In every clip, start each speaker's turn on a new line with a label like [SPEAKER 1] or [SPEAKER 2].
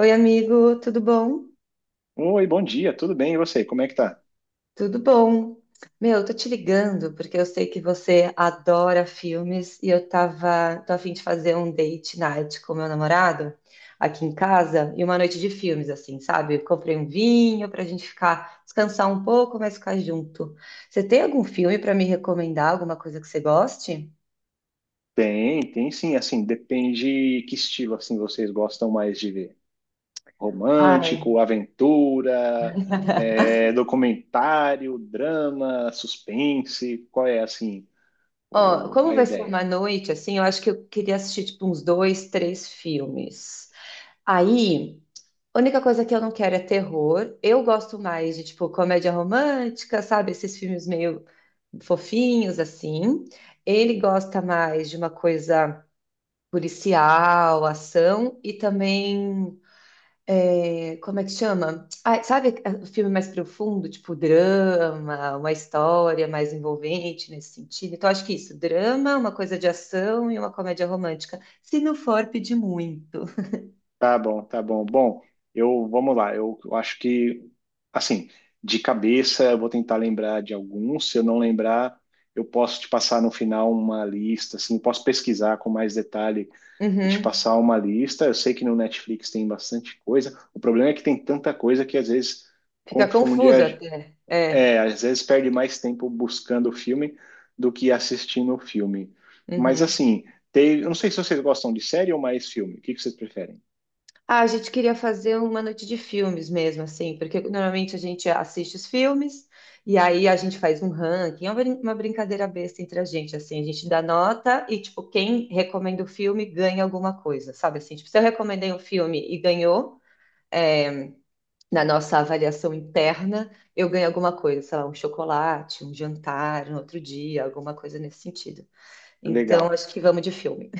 [SPEAKER 1] Oi, amigo, tudo bom?
[SPEAKER 2] Oi, bom dia, tudo bem? E você, como é que tá?
[SPEAKER 1] Tudo bom. Meu, eu tô te ligando porque eu sei que você adora filmes e tô a fim de fazer um date night com meu namorado aqui em casa e uma noite de filmes, assim, sabe? Eu comprei um vinho pra gente ficar, descansar um pouco, mas ficar junto. Você tem algum filme pra me recomendar, alguma coisa que você goste?
[SPEAKER 2] Tem, tem sim, assim, depende que estilo, assim, vocês gostam mais de ver.
[SPEAKER 1] Ai,
[SPEAKER 2] Romântico, aventura, é, documentário, drama, suspense, qual é, assim,
[SPEAKER 1] Ó, como
[SPEAKER 2] a
[SPEAKER 1] vai ser
[SPEAKER 2] ideia?
[SPEAKER 1] uma noite, assim, eu acho que eu queria assistir, tipo, uns dois, três filmes. Aí. A única coisa que eu não quero é terror. Eu gosto mais de, tipo, comédia romântica, sabe? Esses filmes meio fofinhos, assim. Ele gosta mais de uma coisa policial, ação e também. É, como é que chama? Ah, sabe o filme mais profundo, tipo drama, uma história mais envolvente nesse sentido? Então, acho que isso, drama, uma coisa de ação e uma comédia romântica. Se não for, pedir muito.
[SPEAKER 2] Tá bom, tá bom. Bom, eu vamos lá. Eu acho que assim, de cabeça eu vou tentar lembrar de alguns. Se eu não lembrar, eu posso te passar no final uma lista, assim, posso pesquisar com mais detalhe e te
[SPEAKER 1] Uhum.
[SPEAKER 2] passar uma lista. Eu sei que no Netflix tem bastante coisa. O problema é que tem tanta coisa que às vezes
[SPEAKER 1] Fica
[SPEAKER 2] confunde a,
[SPEAKER 1] confuso até.
[SPEAKER 2] é,
[SPEAKER 1] É.
[SPEAKER 2] às vezes perde mais tempo buscando o filme do que assistindo o filme. Mas
[SPEAKER 1] Uhum.
[SPEAKER 2] assim, tem, eu não sei se vocês gostam de série ou mais filme. O que que vocês preferem?
[SPEAKER 1] Ah, a gente queria fazer uma noite de filmes mesmo, assim, porque normalmente a gente assiste os filmes e aí a gente faz um ranking, é uma uma brincadeira besta entre a gente, assim, a gente dá nota e, tipo, quem recomenda o filme ganha alguma coisa, sabe assim? Tipo, se eu recomendei um filme e ganhou, é, na nossa avaliação interna, eu ganho alguma coisa, sei lá, um chocolate, um jantar, no outro dia, alguma coisa nesse sentido. Então,
[SPEAKER 2] Legal.
[SPEAKER 1] acho que vamos de filme.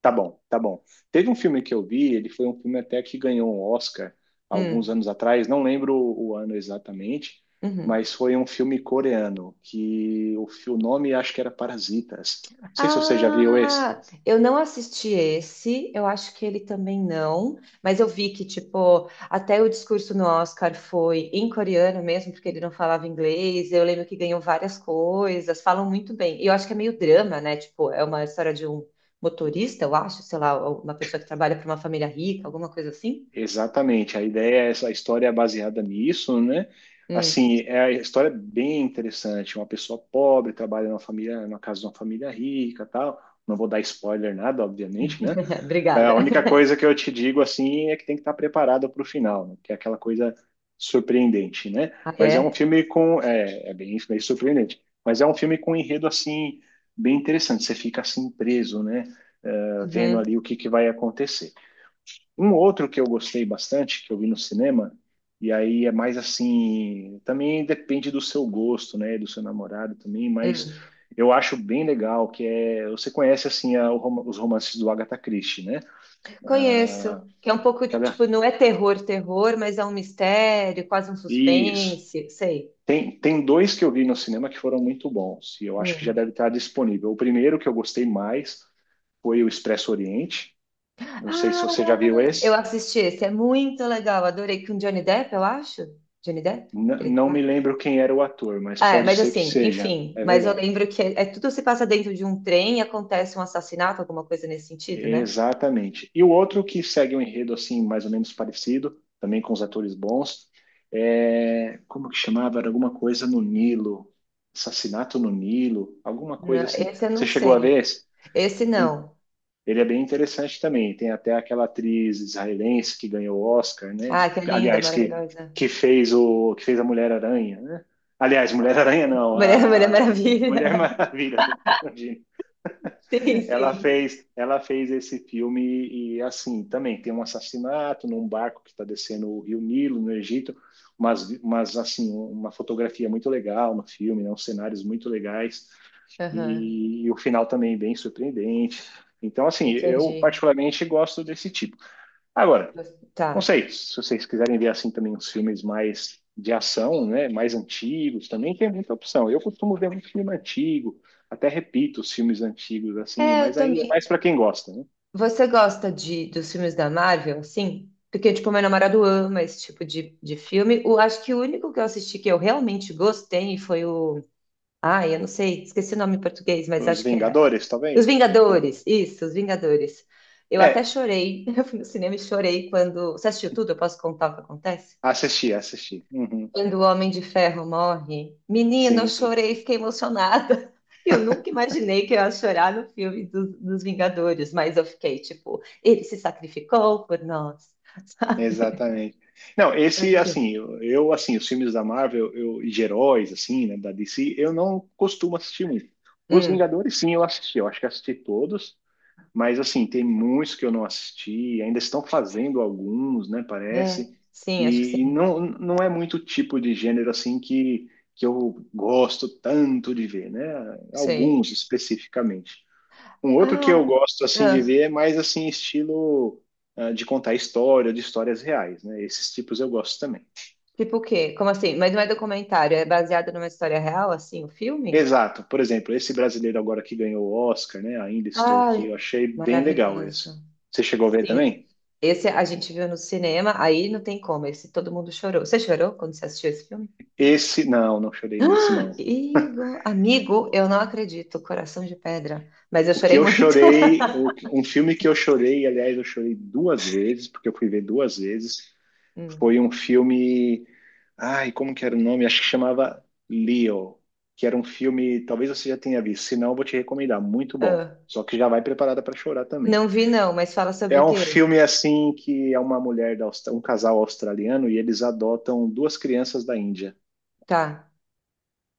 [SPEAKER 2] Tá bom, tá bom. Teve um filme que eu vi, ele foi um filme até que ganhou um Oscar alguns
[SPEAKER 1] Hum,
[SPEAKER 2] anos atrás, não lembro o ano exatamente,
[SPEAKER 1] uhum.
[SPEAKER 2] mas foi um filme coreano que o nome acho que era Parasitas. Não sei se você já viu esse.
[SPEAKER 1] Ah, eu não assisti esse, eu acho que ele também não, mas eu vi que, tipo, até o discurso no Oscar foi em coreano mesmo, porque ele não falava inglês, eu lembro que ganhou várias coisas, falam muito bem, e eu acho que é meio drama, né, tipo, é uma história de um motorista, eu acho, sei lá, uma pessoa que trabalha para uma família rica, alguma coisa assim.
[SPEAKER 2] Exatamente, a ideia é essa, a história é baseada nisso, né?
[SPEAKER 1] Hum.
[SPEAKER 2] Assim, é a história é bem interessante. Uma pessoa pobre trabalha numa família, na casa de uma família rica, tal. Não vou dar spoiler nada, obviamente, né? É, a
[SPEAKER 1] Obrigada.
[SPEAKER 2] única coisa que eu te digo assim é que tem que estar preparado para o final, né? Que é aquela coisa surpreendente, né?
[SPEAKER 1] Ah,
[SPEAKER 2] Mas é um
[SPEAKER 1] é?
[SPEAKER 2] filme com é, é bem, bem surpreendente, mas é um filme com um enredo assim bem interessante. Você fica assim preso, né? É, vendo
[SPEAKER 1] Uhum.
[SPEAKER 2] ali o que que vai acontecer. Um outro que eu gostei bastante que eu vi no cinema e aí é mais assim também depende do seu gosto, né? Do seu namorado também, mas
[SPEAKER 1] Hum.
[SPEAKER 2] eu acho bem legal que é você conhece assim os romances do Agatha Christie, né?
[SPEAKER 1] Conheço, que é um pouco,
[SPEAKER 2] Aquela
[SPEAKER 1] tipo, não é terror, terror, mas é um mistério, quase um
[SPEAKER 2] Isso.
[SPEAKER 1] suspense, sei.
[SPEAKER 2] Tem, tem dois que eu vi no cinema que foram muito bons, e eu acho que já
[SPEAKER 1] Hum.
[SPEAKER 2] deve estar disponível. O primeiro que eu gostei mais foi o Expresso Oriente. Não sei se
[SPEAKER 1] Ah,
[SPEAKER 2] você já viu
[SPEAKER 1] eu
[SPEAKER 2] esse.
[SPEAKER 1] assisti esse, é muito legal, adorei, com Johnny Depp, eu acho? Johnny Depp? Ele tá
[SPEAKER 2] Não me
[SPEAKER 1] lá?
[SPEAKER 2] lembro quem era o ator, mas
[SPEAKER 1] Ah, é,
[SPEAKER 2] pode
[SPEAKER 1] mas
[SPEAKER 2] ser que
[SPEAKER 1] assim,
[SPEAKER 2] seja.
[SPEAKER 1] enfim,
[SPEAKER 2] É
[SPEAKER 1] mas eu
[SPEAKER 2] verdade.
[SPEAKER 1] lembro que é, é tudo se passa dentro de um trem e acontece um assassinato, alguma coisa nesse sentido, né?
[SPEAKER 2] Exatamente. E o outro que segue um enredo assim, mais ou menos parecido, também com os atores bons, é... como que chamava? Era alguma coisa no Nilo. Assassinato no Nilo, alguma coisa
[SPEAKER 1] Não,
[SPEAKER 2] assim.
[SPEAKER 1] esse eu não
[SPEAKER 2] Você chegou a ver
[SPEAKER 1] sei.
[SPEAKER 2] esse?
[SPEAKER 1] Esse não.
[SPEAKER 2] Ele é bem interessante também. Tem até aquela atriz israelense que ganhou o Oscar, né?
[SPEAKER 1] Ah, que linda,
[SPEAKER 2] Aliás,
[SPEAKER 1] maravilhosa.
[SPEAKER 2] que fez o que fez a Mulher Aranha, né? Aliás, Mulher Aranha não,
[SPEAKER 1] Maria, Maria
[SPEAKER 2] a Mulher
[SPEAKER 1] Maravilha.
[SPEAKER 2] Maravilha, tô confundindo.
[SPEAKER 1] Sim,
[SPEAKER 2] Ela
[SPEAKER 1] sim.
[SPEAKER 2] fez, ela fez esse filme e assim, também tem um assassinato num barco que está descendo o Rio Nilo no Egito, mas assim, uma fotografia muito legal no filme, né? Uns cenários muito legais
[SPEAKER 1] Aham,
[SPEAKER 2] e o final também bem surpreendente. Então, assim, eu
[SPEAKER 1] entendi.
[SPEAKER 2] particularmente gosto desse tipo. Agora,
[SPEAKER 1] Gos-
[SPEAKER 2] não
[SPEAKER 1] Tá.
[SPEAKER 2] sei, se vocês quiserem ver assim também uns filmes mais de ação, né, mais antigos, também tem muita opção. Eu costumo ver muito filme antigo, até repito os filmes antigos
[SPEAKER 1] É,
[SPEAKER 2] assim,
[SPEAKER 1] eu
[SPEAKER 2] mas aí é
[SPEAKER 1] também.
[SPEAKER 2] mais para quem gosta, né?
[SPEAKER 1] Você gosta de, dos filmes da Marvel, assim? Porque, tipo, meu namorado ama esse tipo de filme. O, acho que o único que eu assisti que eu realmente gostei foi o. Ai, eu não sei, esqueci o nome em português, mas
[SPEAKER 2] Os
[SPEAKER 1] acho que é.
[SPEAKER 2] Vingadores,
[SPEAKER 1] Os
[SPEAKER 2] talvez.
[SPEAKER 1] Vingadores. Isso, Os Vingadores. Eu até
[SPEAKER 2] É,
[SPEAKER 1] chorei. Eu fui no cinema e chorei quando. Você assistiu tudo? Eu posso contar o que acontece?
[SPEAKER 2] assisti, assisti. Uhum,
[SPEAKER 1] Quando o Homem de Ferro morre, menina, eu
[SPEAKER 2] sim,
[SPEAKER 1] chorei, fiquei emocionada. Eu nunca imaginei que eu ia chorar no filme dos Vingadores, mas eu fiquei tipo, ele se sacrificou por nós, sabe?
[SPEAKER 2] exatamente. Não,
[SPEAKER 1] Mas
[SPEAKER 2] esse, assim,
[SPEAKER 1] enfim.
[SPEAKER 2] assim, os filmes da Marvel eu, e de heróis, assim, né, da DC, eu não costumo assistir muito. Os
[SPEAKER 1] Hum,
[SPEAKER 2] Vingadores, sim, eu assisti. Eu acho que assisti todos, mas, assim, tem muitos que eu não assisti. Ainda estão fazendo alguns, né,
[SPEAKER 1] é,
[SPEAKER 2] parece.
[SPEAKER 1] sim, acho que
[SPEAKER 2] E
[SPEAKER 1] sim.
[SPEAKER 2] não, não é muito tipo de gênero, assim, que eu gosto tanto de ver, né?
[SPEAKER 1] Sei.
[SPEAKER 2] Alguns especificamente. Um outro que eu
[SPEAKER 1] Ah,
[SPEAKER 2] gosto assim de
[SPEAKER 1] ah,
[SPEAKER 2] ver é mais assim estilo ah, de contar história, de histórias reais, né? Esses tipos eu gosto também.
[SPEAKER 1] tipo o quê? Como assim? Mas não é documentário, é baseado numa história real, assim, o filme?
[SPEAKER 2] Exato. Por exemplo, esse brasileiro agora que ganhou o Oscar, né? Ainda estou
[SPEAKER 1] Ah,
[SPEAKER 2] aqui, eu achei bem legal esse.
[SPEAKER 1] maravilhoso.
[SPEAKER 2] Você chegou a ver
[SPEAKER 1] Sim.
[SPEAKER 2] também?
[SPEAKER 1] Esse a gente viu no cinema, aí não tem como, esse todo mundo chorou. Você chorou quando você assistiu esse filme?
[SPEAKER 2] Esse não, não chorei nesse
[SPEAKER 1] Ah,
[SPEAKER 2] não.
[SPEAKER 1] Igor, amigo, eu não acredito, coração de pedra. Mas eu
[SPEAKER 2] O que
[SPEAKER 1] chorei
[SPEAKER 2] eu
[SPEAKER 1] muito.
[SPEAKER 2] chorei, um filme que eu chorei, aliás, eu chorei duas vezes, porque eu fui ver duas vezes, foi
[SPEAKER 1] Hum.
[SPEAKER 2] um filme. Ai, como que era o nome? Acho que chamava Leo, que era um filme, talvez você já tenha visto, se não, eu vou te recomendar, muito bom.
[SPEAKER 1] Ah.
[SPEAKER 2] Só que já vai preparada para chorar também.
[SPEAKER 1] Não vi não, mas fala sobre
[SPEAKER 2] É
[SPEAKER 1] o
[SPEAKER 2] um
[SPEAKER 1] quê?
[SPEAKER 2] filme assim que é uma mulher da Austra- um casal australiano e eles adotam duas crianças da Índia
[SPEAKER 1] Tá.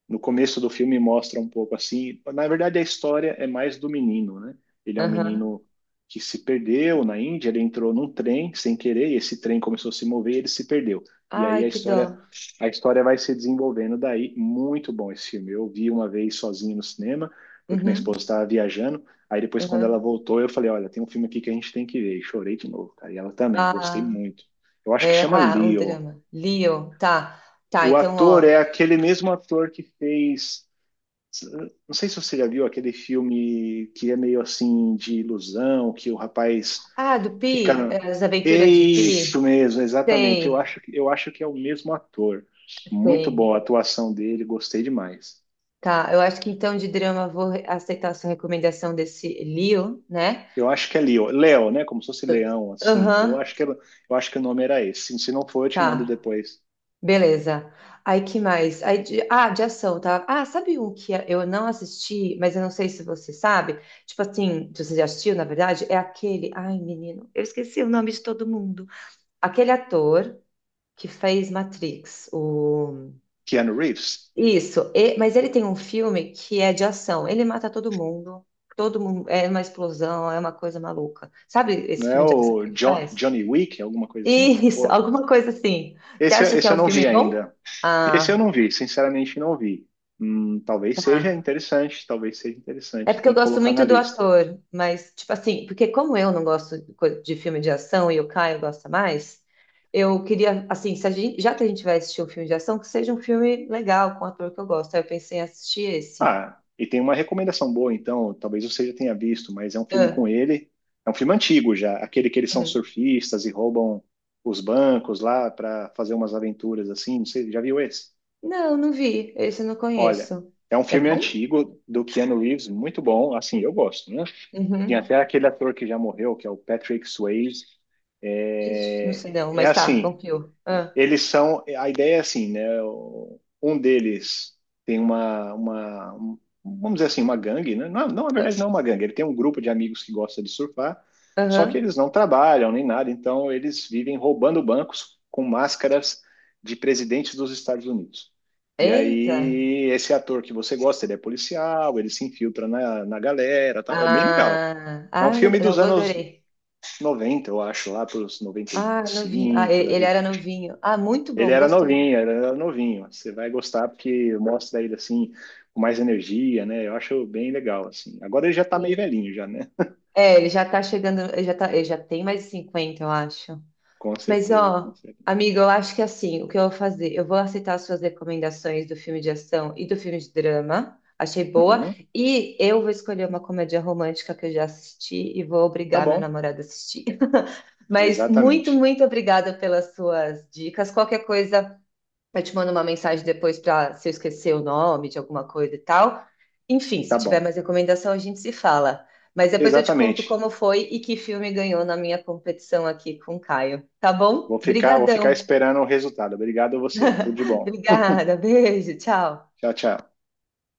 [SPEAKER 2] no começo do filme mostra um pouco assim. Na verdade, a história é mais do menino, né? Ele é um
[SPEAKER 1] Aham.
[SPEAKER 2] menino que se perdeu na Índia, ele entrou num trem sem querer, e esse trem começou a se mover e ele se perdeu. E
[SPEAKER 1] Ai,
[SPEAKER 2] aí
[SPEAKER 1] que dó.
[SPEAKER 2] a história vai se desenvolvendo daí. Muito bom esse filme. Eu vi uma vez sozinho no cinema, porque minha esposa
[SPEAKER 1] Uhum.
[SPEAKER 2] estava viajando. Aí depois, quando ela
[SPEAKER 1] Uhum.
[SPEAKER 2] voltou, eu falei: Olha, tem um filme aqui que a gente tem que ver. E chorei de novo, cara. E ela também, gostei
[SPEAKER 1] Ah,
[SPEAKER 2] muito. Eu acho que
[SPEAKER 1] é,
[SPEAKER 2] chama
[SPEAKER 1] ah, um
[SPEAKER 2] Leo.
[SPEAKER 1] drama. Leo, tá. Tá,
[SPEAKER 2] O
[SPEAKER 1] então,
[SPEAKER 2] ator é
[SPEAKER 1] ó.
[SPEAKER 2] aquele mesmo ator que fez não sei se você já viu aquele filme que é meio assim de ilusão, que o rapaz
[SPEAKER 1] Ah, do Pi, é,
[SPEAKER 2] fica.
[SPEAKER 1] as
[SPEAKER 2] É
[SPEAKER 1] aventuras de
[SPEAKER 2] isso
[SPEAKER 1] Pi.
[SPEAKER 2] mesmo, exatamente.
[SPEAKER 1] Sei,
[SPEAKER 2] Eu acho que é o mesmo ator. Muito
[SPEAKER 1] sei.
[SPEAKER 2] boa a atuação dele, gostei demais.
[SPEAKER 1] Tá, eu acho que então de drama vou aceitar a sua recomendação desse Leo, né?
[SPEAKER 2] Eu acho que é Leo, Leo, né? Como se fosse Leão, assim.
[SPEAKER 1] Aham,
[SPEAKER 2] Eu acho que o nome era esse. Se não for, eu te mando
[SPEAKER 1] tá,
[SPEAKER 2] depois.
[SPEAKER 1] beleza. Aí que mais? Aí de, ah, de ação, tá? Ah, sabe um que é, eu não assisti, mas eu não sei se você sabe? Tipo assim, se você já assistiu, na verdade, é aquele. Ai, menino, eu esqueci o nome de todo mundo. Aquele ator que fez Matrix, o.
[SPEAKER 2] Keanu Reeves,
[SPEAKER 1] Isso, mas ele tem um filme que é de ação. Ele mata todo mundo é uma explosão, é uma coisa maluca. Sabe esse
[SPEAKER 2] não é
[SPEAKER 1] filme de ação
[SPEAKER 2] o
[SPEAKER 1] que ele faz?
[SPEAKER 2] Johnny Wick, alguma coisa assim?
[SPEAKER 1] Isso,
[SPEAKER 2] Pô,
[SPEAKER 1] alguma coisa assim. Você
[SPEAKER 2] Esse,
[SPEAKER 1] acha que
[SPEAKER 2] esse
[SPEAKER 1] é
[SPEAKER 2] eu
[SPEAKER 1] um
[SPEAKER 2] não
[SPEAKER 1] filme
[SPEAKER 2] vi
[SPEAKER 1] bom?
[SPEAKER 2] ainda. Esse eu
[SPEAKER 1] Ah,
[SPEAKER 2] não vi, sinceramente não vi.
[SPEAKER 1] tá.
[SPEAKER 2] Talvez seja
[SPEAKER 1] É
[SPEAKER 2] interessante,
[SPEAKER 1] porque
[SPEAKER 2] tem
[SPEAKER 1] eu
[SPEAKER 2] que
[SPEAKER 1] gosto
[SPEAKER 2] colocar na
[SPEAKER 1] muito do
[SPEAKER 2] lista.
[SPEAKER 1] ator, mas tipo assim, porque como eu não gosto de de filme de ação e o Caio gosta mais, eu queria assim, se a gente- já que a gente vai assistir um filme de ação, que seja um filme legal com um ator que eu gosto. Aí eu pensei em assistir esse.
[SPEAKER 2] Ah, e tem uma recomendação boa, então, talvez você já tenha visto, mas é um filme
[SPEAKER 1] Ah,
[SPEAKER 2] com ele, é um filme antigo já, aquele que eles são
[SPEAKER 1] hum.
[SPEAKER 2] surfistas e roubam os bancos lá para fazer umas aventuras assim, não sei, já viu esse?
[SPEAKER 1] Não, não vi. Esse eu não
[SPEAKER 2] Olha,
[SPEAKER 1] conheço.
[SPEAKER 2] é um
[SPEAKER 1] É
[SPEAKER 2] filme
[SPEAKER 1] bom?
[SPEAKER 2] antigo do Keanu Reeves, muito bom, assim, eu gosto, né? Tem até
[SPEAKER 1] Uhum.
[SPEAKER 2] aquele ator que já morreu, que é o Patrick Swayze,
[SPEAKER 1] Ixi, não
[SPEAKER 2] é,
[SPEAKER 1] sei não,
[SPEAKER 2] é
[SPEAKER 1] mas tá,
[SPEAKER 2] assim,
[SPEAKER 1] confio. Ah,
[SPEAKER 2] eles são. A ideia é assim, né? Um deles tem vamos dizer assim, uma gangue, né? Não, não, na
[SPEAKER 1] ah,
[SPEAKER 2] verdade, não é uma gangue. Ele tem um grupo de amigos que gosta de surfar, só que
[SPEAKER 1] aham.
[SPEAKER 2] eles não trabalham nem nada, então eles vivem roubando bancos com máscaras de presidentes dos Estados Unidos. E
[SPEAKER 1] Eita.
[SPEAKER 2] aí, esse ator que você gosta, ele é policial, ele se infiltra na galera, tal. É bem legal.
[SPEAKER 1] Ah,
[SPEAKER 2] É um
[SPEAKER 1] ah,
[SPEAKER 2] filme
[SPEAKER 1] não,
[SPEAKER 2] dos
[SPEAKER 1] eu
[SPEAKER 2] anos
[SPEAKER 1] adorei.
[SPEAKER 2] 90 eu acho, lá para os noventa e
[SPEAKER 1] Ah, novinho. Ah,
[SPEAKER 2] cinco
[SPEAKER 1] ele
[SPEAKER 2] Davi.
[SPEAKER 1] era novinho. Ah, muito
[SPEAKER 2] Ele
[SPEAKER 1] bom,
[SPEAKER 2] era
[SPEAKER 1] gostei.
[SPEAKER 2] novinho, ele era novinho. Você vai gostar porque mostra ele assim com mais energia, né? Eu acho bem legal assim. Agora ele já tá meio
[SPEAKER 1] Sim.
[SPEAKER 2] velhinho já, né?
[SPEAKER 1] É, ele já tá chegando, ele já tá, ele já tem mais de 50, eu acho.
[SPEAKER 2] Com
[SPEAKER 1] Mas,
[SPEAKER 2] certeza,
[SPEAKER 1] ó,
[SPEAKER 2] com certeza.
[SPEAKER 1] amiga, eu acho que assim, o que eu vou fazer? Eu vou aceitar as suas recomendações do filme de ação e do filme de drama. Achei boa.
[SPEAKER 2] Uhum.
[SPEAKER 1] E eu vou escolher uma comédia romântica que eu já assisti e vou
[SPEAKER 2] Tá
[SPEAKER 1] obrigar meu
[SPEAKER 2] bom.
[SPEAKER 1] namorado a assistir. Mas muito,
[SPEAKER 2] Exatamente.
[SPEAKER 1] muito obrigada pelas suas dicas. Qualquer coisa. Eu te mando uma mensagem depois para se eu esquecer o nome de alguma coisa e tal. Enfim,
[SPEAKER 2] Tá
[SPEAKER 1] se tiver
[SPEAKER 2] bom.
[SPEAKER 1] mais recomendação, a gente se fala. Mas depois eu te conto
[SPEAKER 2] Exatamente.
[SPEAKER 1] como foi e que filme ganhou na minha competição aqui com o Caio. Tá bom?
[SPEAKER 2] Vou ficar
[SPEAKER 1] Brigadão.
[SPEAKER 2] esperando o resultado. Obrigado a você. Tudo de bom.
[SPEAKER 1] Obrigada. Beijo. Tchau.
[SPEAKER 2] Tchau, tchau.